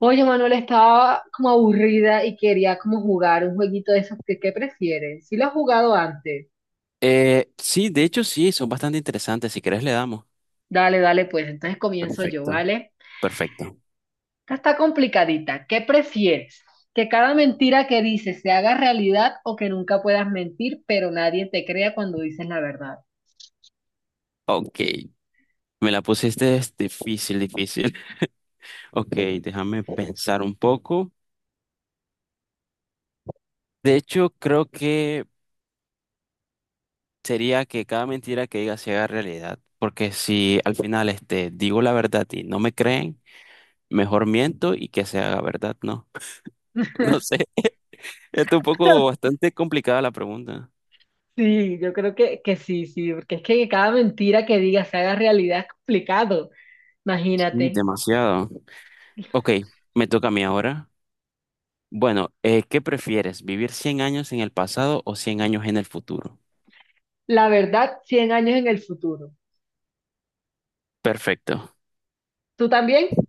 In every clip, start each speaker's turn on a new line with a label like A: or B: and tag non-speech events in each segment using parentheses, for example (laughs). A: Oye, Manuel, estaba como aburrida y quería como jugar un jueguito de esos que, ¿qué prefieres? Si lo has jugado antes.
B: Sí, de hecho sí, son bastante interesantes. Si querés le damos.
A: Dale, dale, pues entonces comienzo yo,
B: Perfecto,
A: ¿vale?
B: perfecto.
A: Esta está complicadita. ¿Qué prefieres? ¿Que cada mentira que dices se haga realidad o que nunca puedas mentir, pero nadie te crea cuando dices la verdad?
B: Ok, me la pusiste es difícil, difícil. (laughs) Ok, déjame pensar un poco. De hecho, creo que sería que cada mentira que diga se haga realidad. Porque si al final digo la verdad y no me creen, mejor miento y que se haga verdad, ¿no? (laughs) No sé, es un poco
A: (laughs)
B: bastante complicada la pregunta.
A: Sí, yo creo que sí, sí, porque es que cada mentira que digas se haga realidad es complicado.
B: Sí,
A: Imagínate.
B: demasiado. Ok, me toca a mí ahora. Bueno, ¿qué prefieres? ¿Vivir 100 años en el pasado o 100 años en el futuro?
A: La verdad, 100 años en el futuro.
B: Perfecto.
A: ¿Tú también?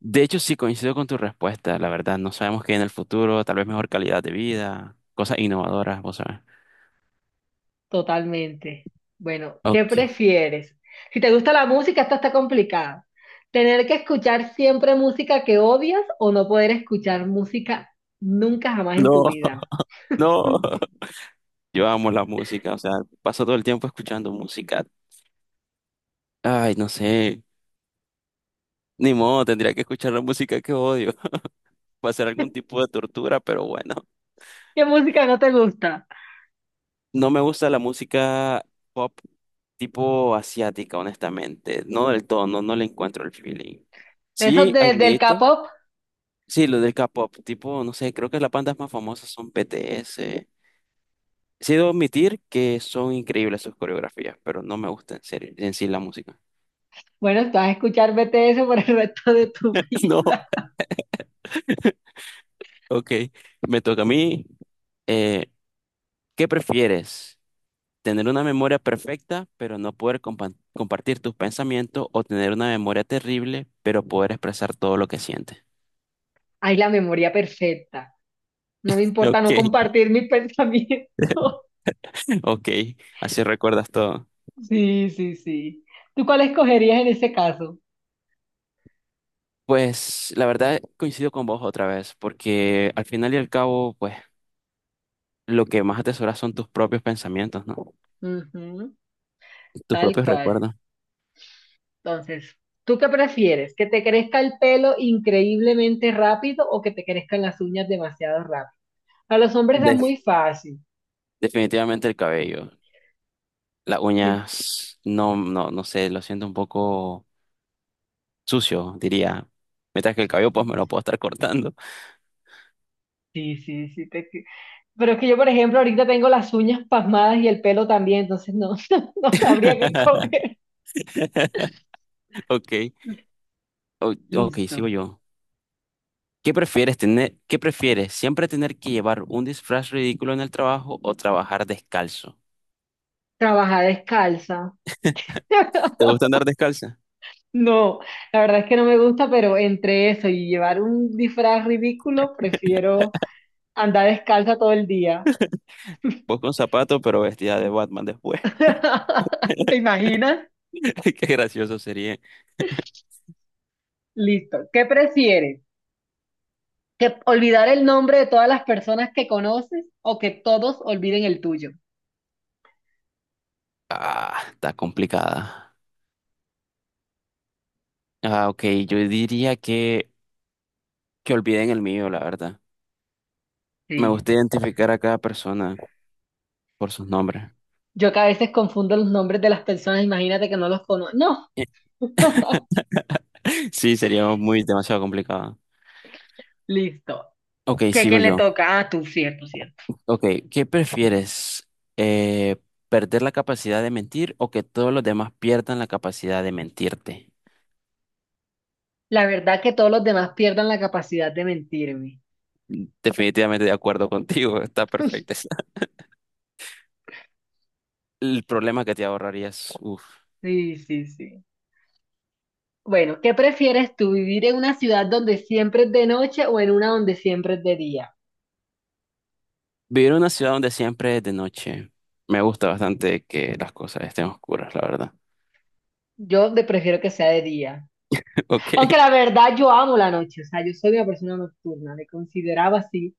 B: De hecho, sí coincido con tu respuesta, la verdad. No sabemos qué hay en el futuro, tal vez mejor calidad de vida, cosas innovadoras, vos sabes.
A: Totalmente. Bueno, ¿qué
B: Ok.
A: prefieres? Si te gusta la música, esto está complicado. ¿Tener que escuchar siempre música que odias o no poder escuchar música nunca jamás en tu
B: No,
A: vida?
B: (laughs) no. Yo amo la música, o sea, paso todo el tiempo escuchando música. Ay, no sé. Ni modo, tendría que escuchar la música que odio. (laughs) Va a ser algún tipo de tortura, pero bueno.
A: ¿Qué música no te gusta?
B: No me gusta la música pop tipo asiática, honestamente. No del todo, no, no le encuentro el feeling.
A: ¿De esos
B: Sí,
A: del
B: admito.
A: K-pop?
B: Sí, lo del K-pop, tipo, no sé, creo que las bandas más famosas son BTS. Sí, debo admitir que son increíbles sus coreografías, pero no me gusta en serio, en sí la música.
A: Bueno, vas a escuchar BTS por el resto de tu (laughs)
B: (laughs) No,
A: vida.
B: ok, me toca a mí. Eh, ¿Qué prefieres? ¿Tener una memoria perfecta, pero no poder compartir tus pensamientos, o tener una memoria terrible, pero poder expresar todo lo que sientes?
A: Hay la memoria perfecta. No me
B: (laughs)
A: importa no
B: Ok.
A: compartir mis pensamientos. (laughs)
B: Ok, así recuerdas todo.
A: Sí, sí, sí. ¿Tú cuál escogerías en ese caso?
B: Pues la verdad coincido con vos otra vez, porque al final y al cabo, pues lo que más atesoras son tus propios pensamientos, ¿no?
A: Ujú,
B: Tus
A: tal
B: propios
A: cual.
B: recuerdos.
A: Entonces, ¿tú qué prefieres? ¿Que te crezca el pelo increíblemente rápido o que te crezcan las uñas demasiado rápido? A los hombres es
B: De-
A: muy fácil.
B: definitivamente el cabello. Las
A: Sí,
B: uñas, no, no, no sé, lo siento un poco sucio, diría. Mientras que el cabello, pues me lo puedo estar cortando.
A: sí, sí, sí, pero es que yo, por ejemplo, ahorita tengo las uñas pasmadas y el pelo también, entonces no, (laughs) no sabría qué
B: (laughs)
A: comer.
B: Ok, ok, sigo
A: Listo.
B: yo. ¿Qué prefieres tener, qué prefieres? ¿Siempre tener que llevar un disfraz ridículo en el trabajo o trabajar descalzo?
A: Trabajar descalza. (laughs)
B: ¿Te gusta andar descalza?
A: No, la verdad es que no me gusta, pero entre eso y llevar un disfraz ridículo, prefiero andar descalza todo el día.
B: Vos con zapato, pero vestida de Batman después.
A: (laughs) ¿Te imaginas?
B: (laughs) Qué gracioso sería.
A: Listo. ¿Qué prefieres? ¿Que olvidar el nombre de todas las personas que conoces o que todos olviden el tuyo?
B: Ah, está complicada. Ah, ok, yo diría que olviden el mío, la verdad. Me
A: Sí.
B: gusta identificar a cada persona por sus nombres.
A: Yo que a veces confundo los nombres de las personas, imagínate que no los conozco. No,
B: (laughs) Sí, sería muy demasiado complicado.
A: listo.
B: Ok,
A: ¿Qué
B: sigo
A: quién le
B: yo.
A: toca? Ah, tú, cierto, cierto.
B: Ok, ¿qué prefieres? Eh, ¿Perder la capacidad de mentir o que todos los demás pierdan la capacidad de mentirte?
A: La verdad que todos los demás pierdan la capacidad de mentirme.
B: Definitivamente de acuerdo contigo, está perfecto. (laughs) El problema que te ahorrarías, uff.
A: Sí, sí, sí. Bueno, ¿qué prefieres tú, vivir en una ciudad donde siempre es de noche o en una donde siempre es de día?
B: Vivir en una ciudad donde siempre es de noche. Me gusta bastante que las cosas estén oscuras, la verdad.
A: Yo prefiero que sea de día.
B: (laughs) Ok.
A: Aunque la verdad yo amo la noche, o sea, yo soy una persona nocturna, me consideraba así,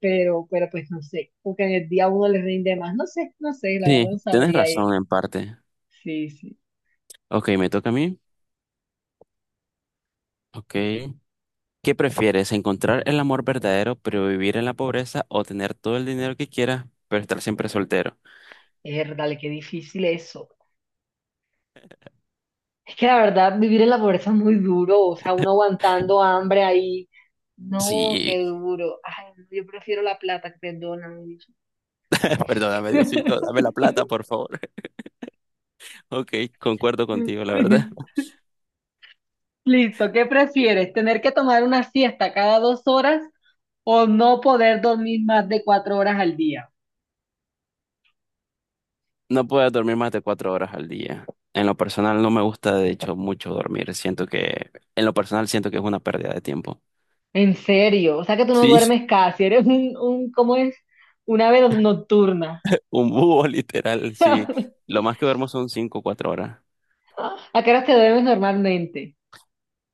A: pero pues no sé, porque en el día uno le rinde más, no sé, no sé, la
B: Sí,
A: verdad no
B: tienes
A: sabría ahí.
B: razón en parte.
A: Sí, sí,
B: Ok, me toca a mí. Ok. ¿Qué prefieres? ¿Encontrar el amor verdadero pero vivir en la pobreza o tener todo el dinero que quieras pero estar siempre soltero?
A: es dale, qué difícil eso. Es que la verdad vivir en la pobreza es muy duro, o sea, uno aguantando hambre ahí, no,
B: Sí,
A: qué duro. Ay, no, yo prefiero la plata, perdóname.
B: (laughs) perdóname, Diosito, dame la
A: (laughs)
B: plata, por favor. (laughs) Ok, concuerdo contigo, la verdad.
A: Listo, ¿qué prefieres? ¿Tener que tomar una siesta cada 2 horas o no poder dormir más de 4 horas al día?
B: No puedo dormir más de 4 horas al día. En lo personal no me gusta, de hecho, mucho dormir. Siento que, en lo personal siento que es una pérdida de tiempo.
A: En serio, o sea que tú no
B: Sí,
A: duermes casi, eres un ¿cómo es? Un ave no, nocturna.
B: (laughs) un búho literal, sí. Lo más que duermo son 5 o 4 horas.
A: (laughs) ¿A qué horas te duermes normalmente?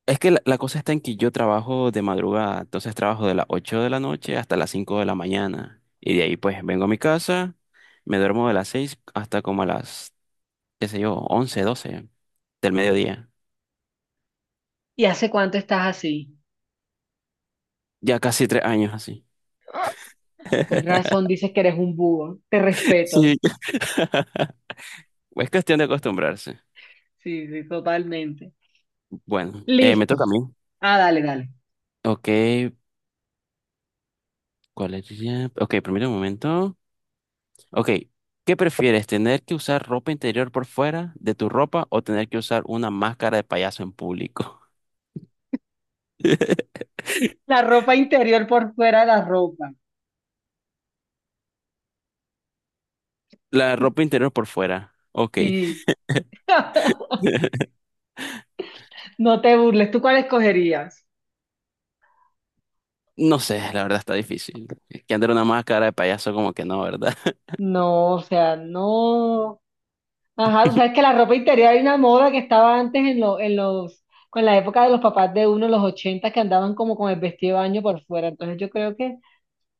B: Es que la cosa está en que yo trabajo de madrugada, entonces trabajo de las 8 de la noche hasta las 5 de la mañana. Y de ahí pues vengo a mi casa, me duermo de las 6 hasta como a las, qué sé yo, 11, 12 del mediodía.
A: ¿Y hace cuánto estás así?
B: Ya casi 3 años así.
A: Con
B: (laughs)
A: razón dices que eres un búho, te respeto.
B: Sí. (laughs) Es cuestión de acostumbrarse.
A: Sí, sí, totalmente.
B: Bueno, me
A: Listo.
B: toca a mí.
A: Ah, dale, dale.
B: Ok, ¿cuál es? Ok, permítame un momento. Ok, ¿qué prefieres? ¿Tener que usar ropa interior por fuera de tu ropa o tener que usar una máscara de payaso en público? (laughs)
A: La ropa interior por fuera de la ropa.
B: La ropa interior por fuera. Ok.
A: Sí,
B: (laughs)
A: no te burles. ¿Tú cuál escogerías?
B: No sé, la verdad está difícil. Es que andar una máscara de payaso como que no, ¿verdad? (laughs)
A: No, o sea, no. Ajá, tú sabes que la ropa interior hay una moda que estaba antes en, en los, con la época de los papás de uno, los 80, que andaban como con el vestido de baño por fuera. Entonces yo creo que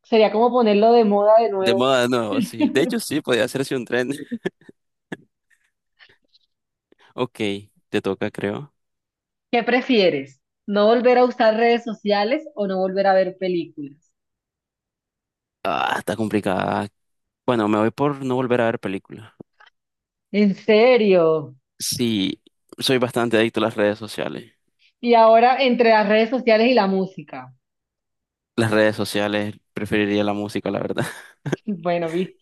A: sería como ponerlo de moda de
B: De
A: nuevo.
B: moda de nuevo, sí. De hecho, sí, podría hacerse un tren. (laughs) Ok, te toca, creo.
A: ¿Qué prefieres? ¿No volver a usar redes sociales o no volver a ver películas?
B: Ah, está complicada. Bueno, me voy por no volver a ver películas.
A: En serio.
B: Sí, soy bastante adicto a las redes sociales.
A: Y ahora entre las redes sociales y la música.
B: Las redes sociales, preferiría la música, la verdad.
A: (laughs) Bueno, viste,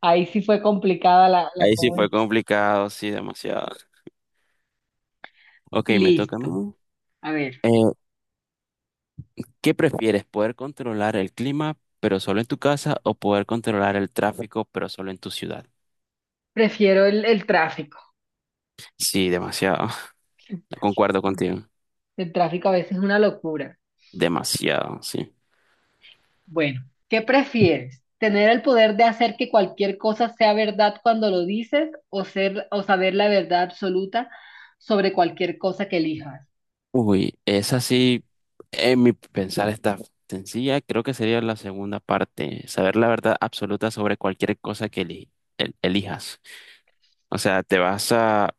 A: ahí sí fue complicada la
B: Ahí sí
A: ¿cómo
B: fue
A: es?
B: complicado, sí, demasiado. Ok, me toca a
A: Listo.
B: mí.
A: A ver,
B: Eh, ¿Qué prefieres? ¿Poder controlar el clima, pero solo en tu casa, o poder controlar el tráfico, pero solo en tu ciudad?
A: prefiero el tráfico.
B: Sí, demasiado. (laughs) Concuerdo contigo.
A: El tráfico a veces es una locura.
B: Demasiado, sí.
A: Bueno, ¿qué prefieres? ¿Tener el poder de hacer que cualquier cosa sea verdad cuando lo dices o ser o saber la verdad absoluta sobre cualquier cosa que elijas?
B: Uy, esa sí, en mi pensar está sencilla. Creo que sería la segunda parte. Saber la verdad absoluta sobre cualquier cosa que elijas. O sea, te vas a, a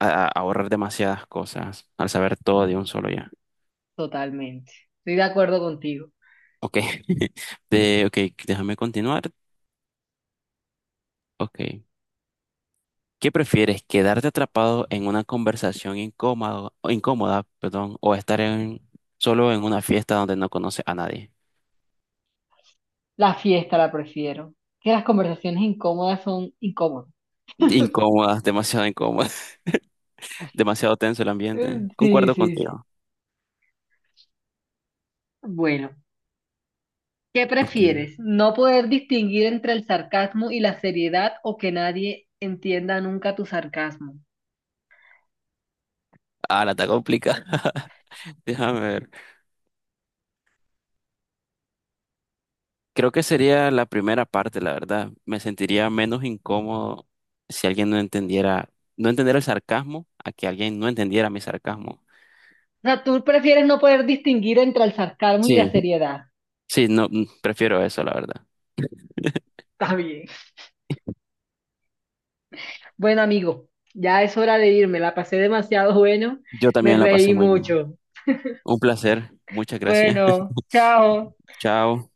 B: a ahorrar demasiadas cosas al saber todo de un solo ya.
A: Totalmente. Estoy de acuerdo contigo.
B: Ok, (laughs) ok, déjame continuar. Ok, ¿qué prefieres? ¿Quedarte atrapado en una conversación incómodo, o incómoda, perdón, o estar solo en una fiesta donde no conoces a nadie?
A: La fiesta la prefiero. Que las conversaciones incómodas son incómodas.
B: Incómoda, demasiado incómoda, (laughs) demasiado tenso el ambiente.
A: Sí,
B: Concuerdo
A: sí, sí.
B: contigo.
A: Bueno, ¿qué
B: Ok.
A: prefieres? ¿No poder distinguir entre el sarcasmo y la seriedad o que nadie entienda nunca tu sarcasmo?
B: Ah, la está complicada. (laughs) Déjame ver. Creo que sería la primera parte, la verdad. Me sentiría menos incómodo si alguien no entendiera, no entendiera el sarcasmo, a que alguien no entendiera mi sarcasmo.
A: O sea, tú prefieres no poder distinguir entre el sarcasmo y
B: Sí,
A: la seriedad.
B: Sí, no, prefiero eso, la verdad.
A: Está bien. Bueno, amigo, ya es hora de irme. La pasé demasiado bueno.
B: Yo
A: Me
B: también la pasé
A: reí
B: muy bien.
A: mucho.
B: Un placer. Muchas gracias.
A: Bueno, chao.
B: (laughs) Chao.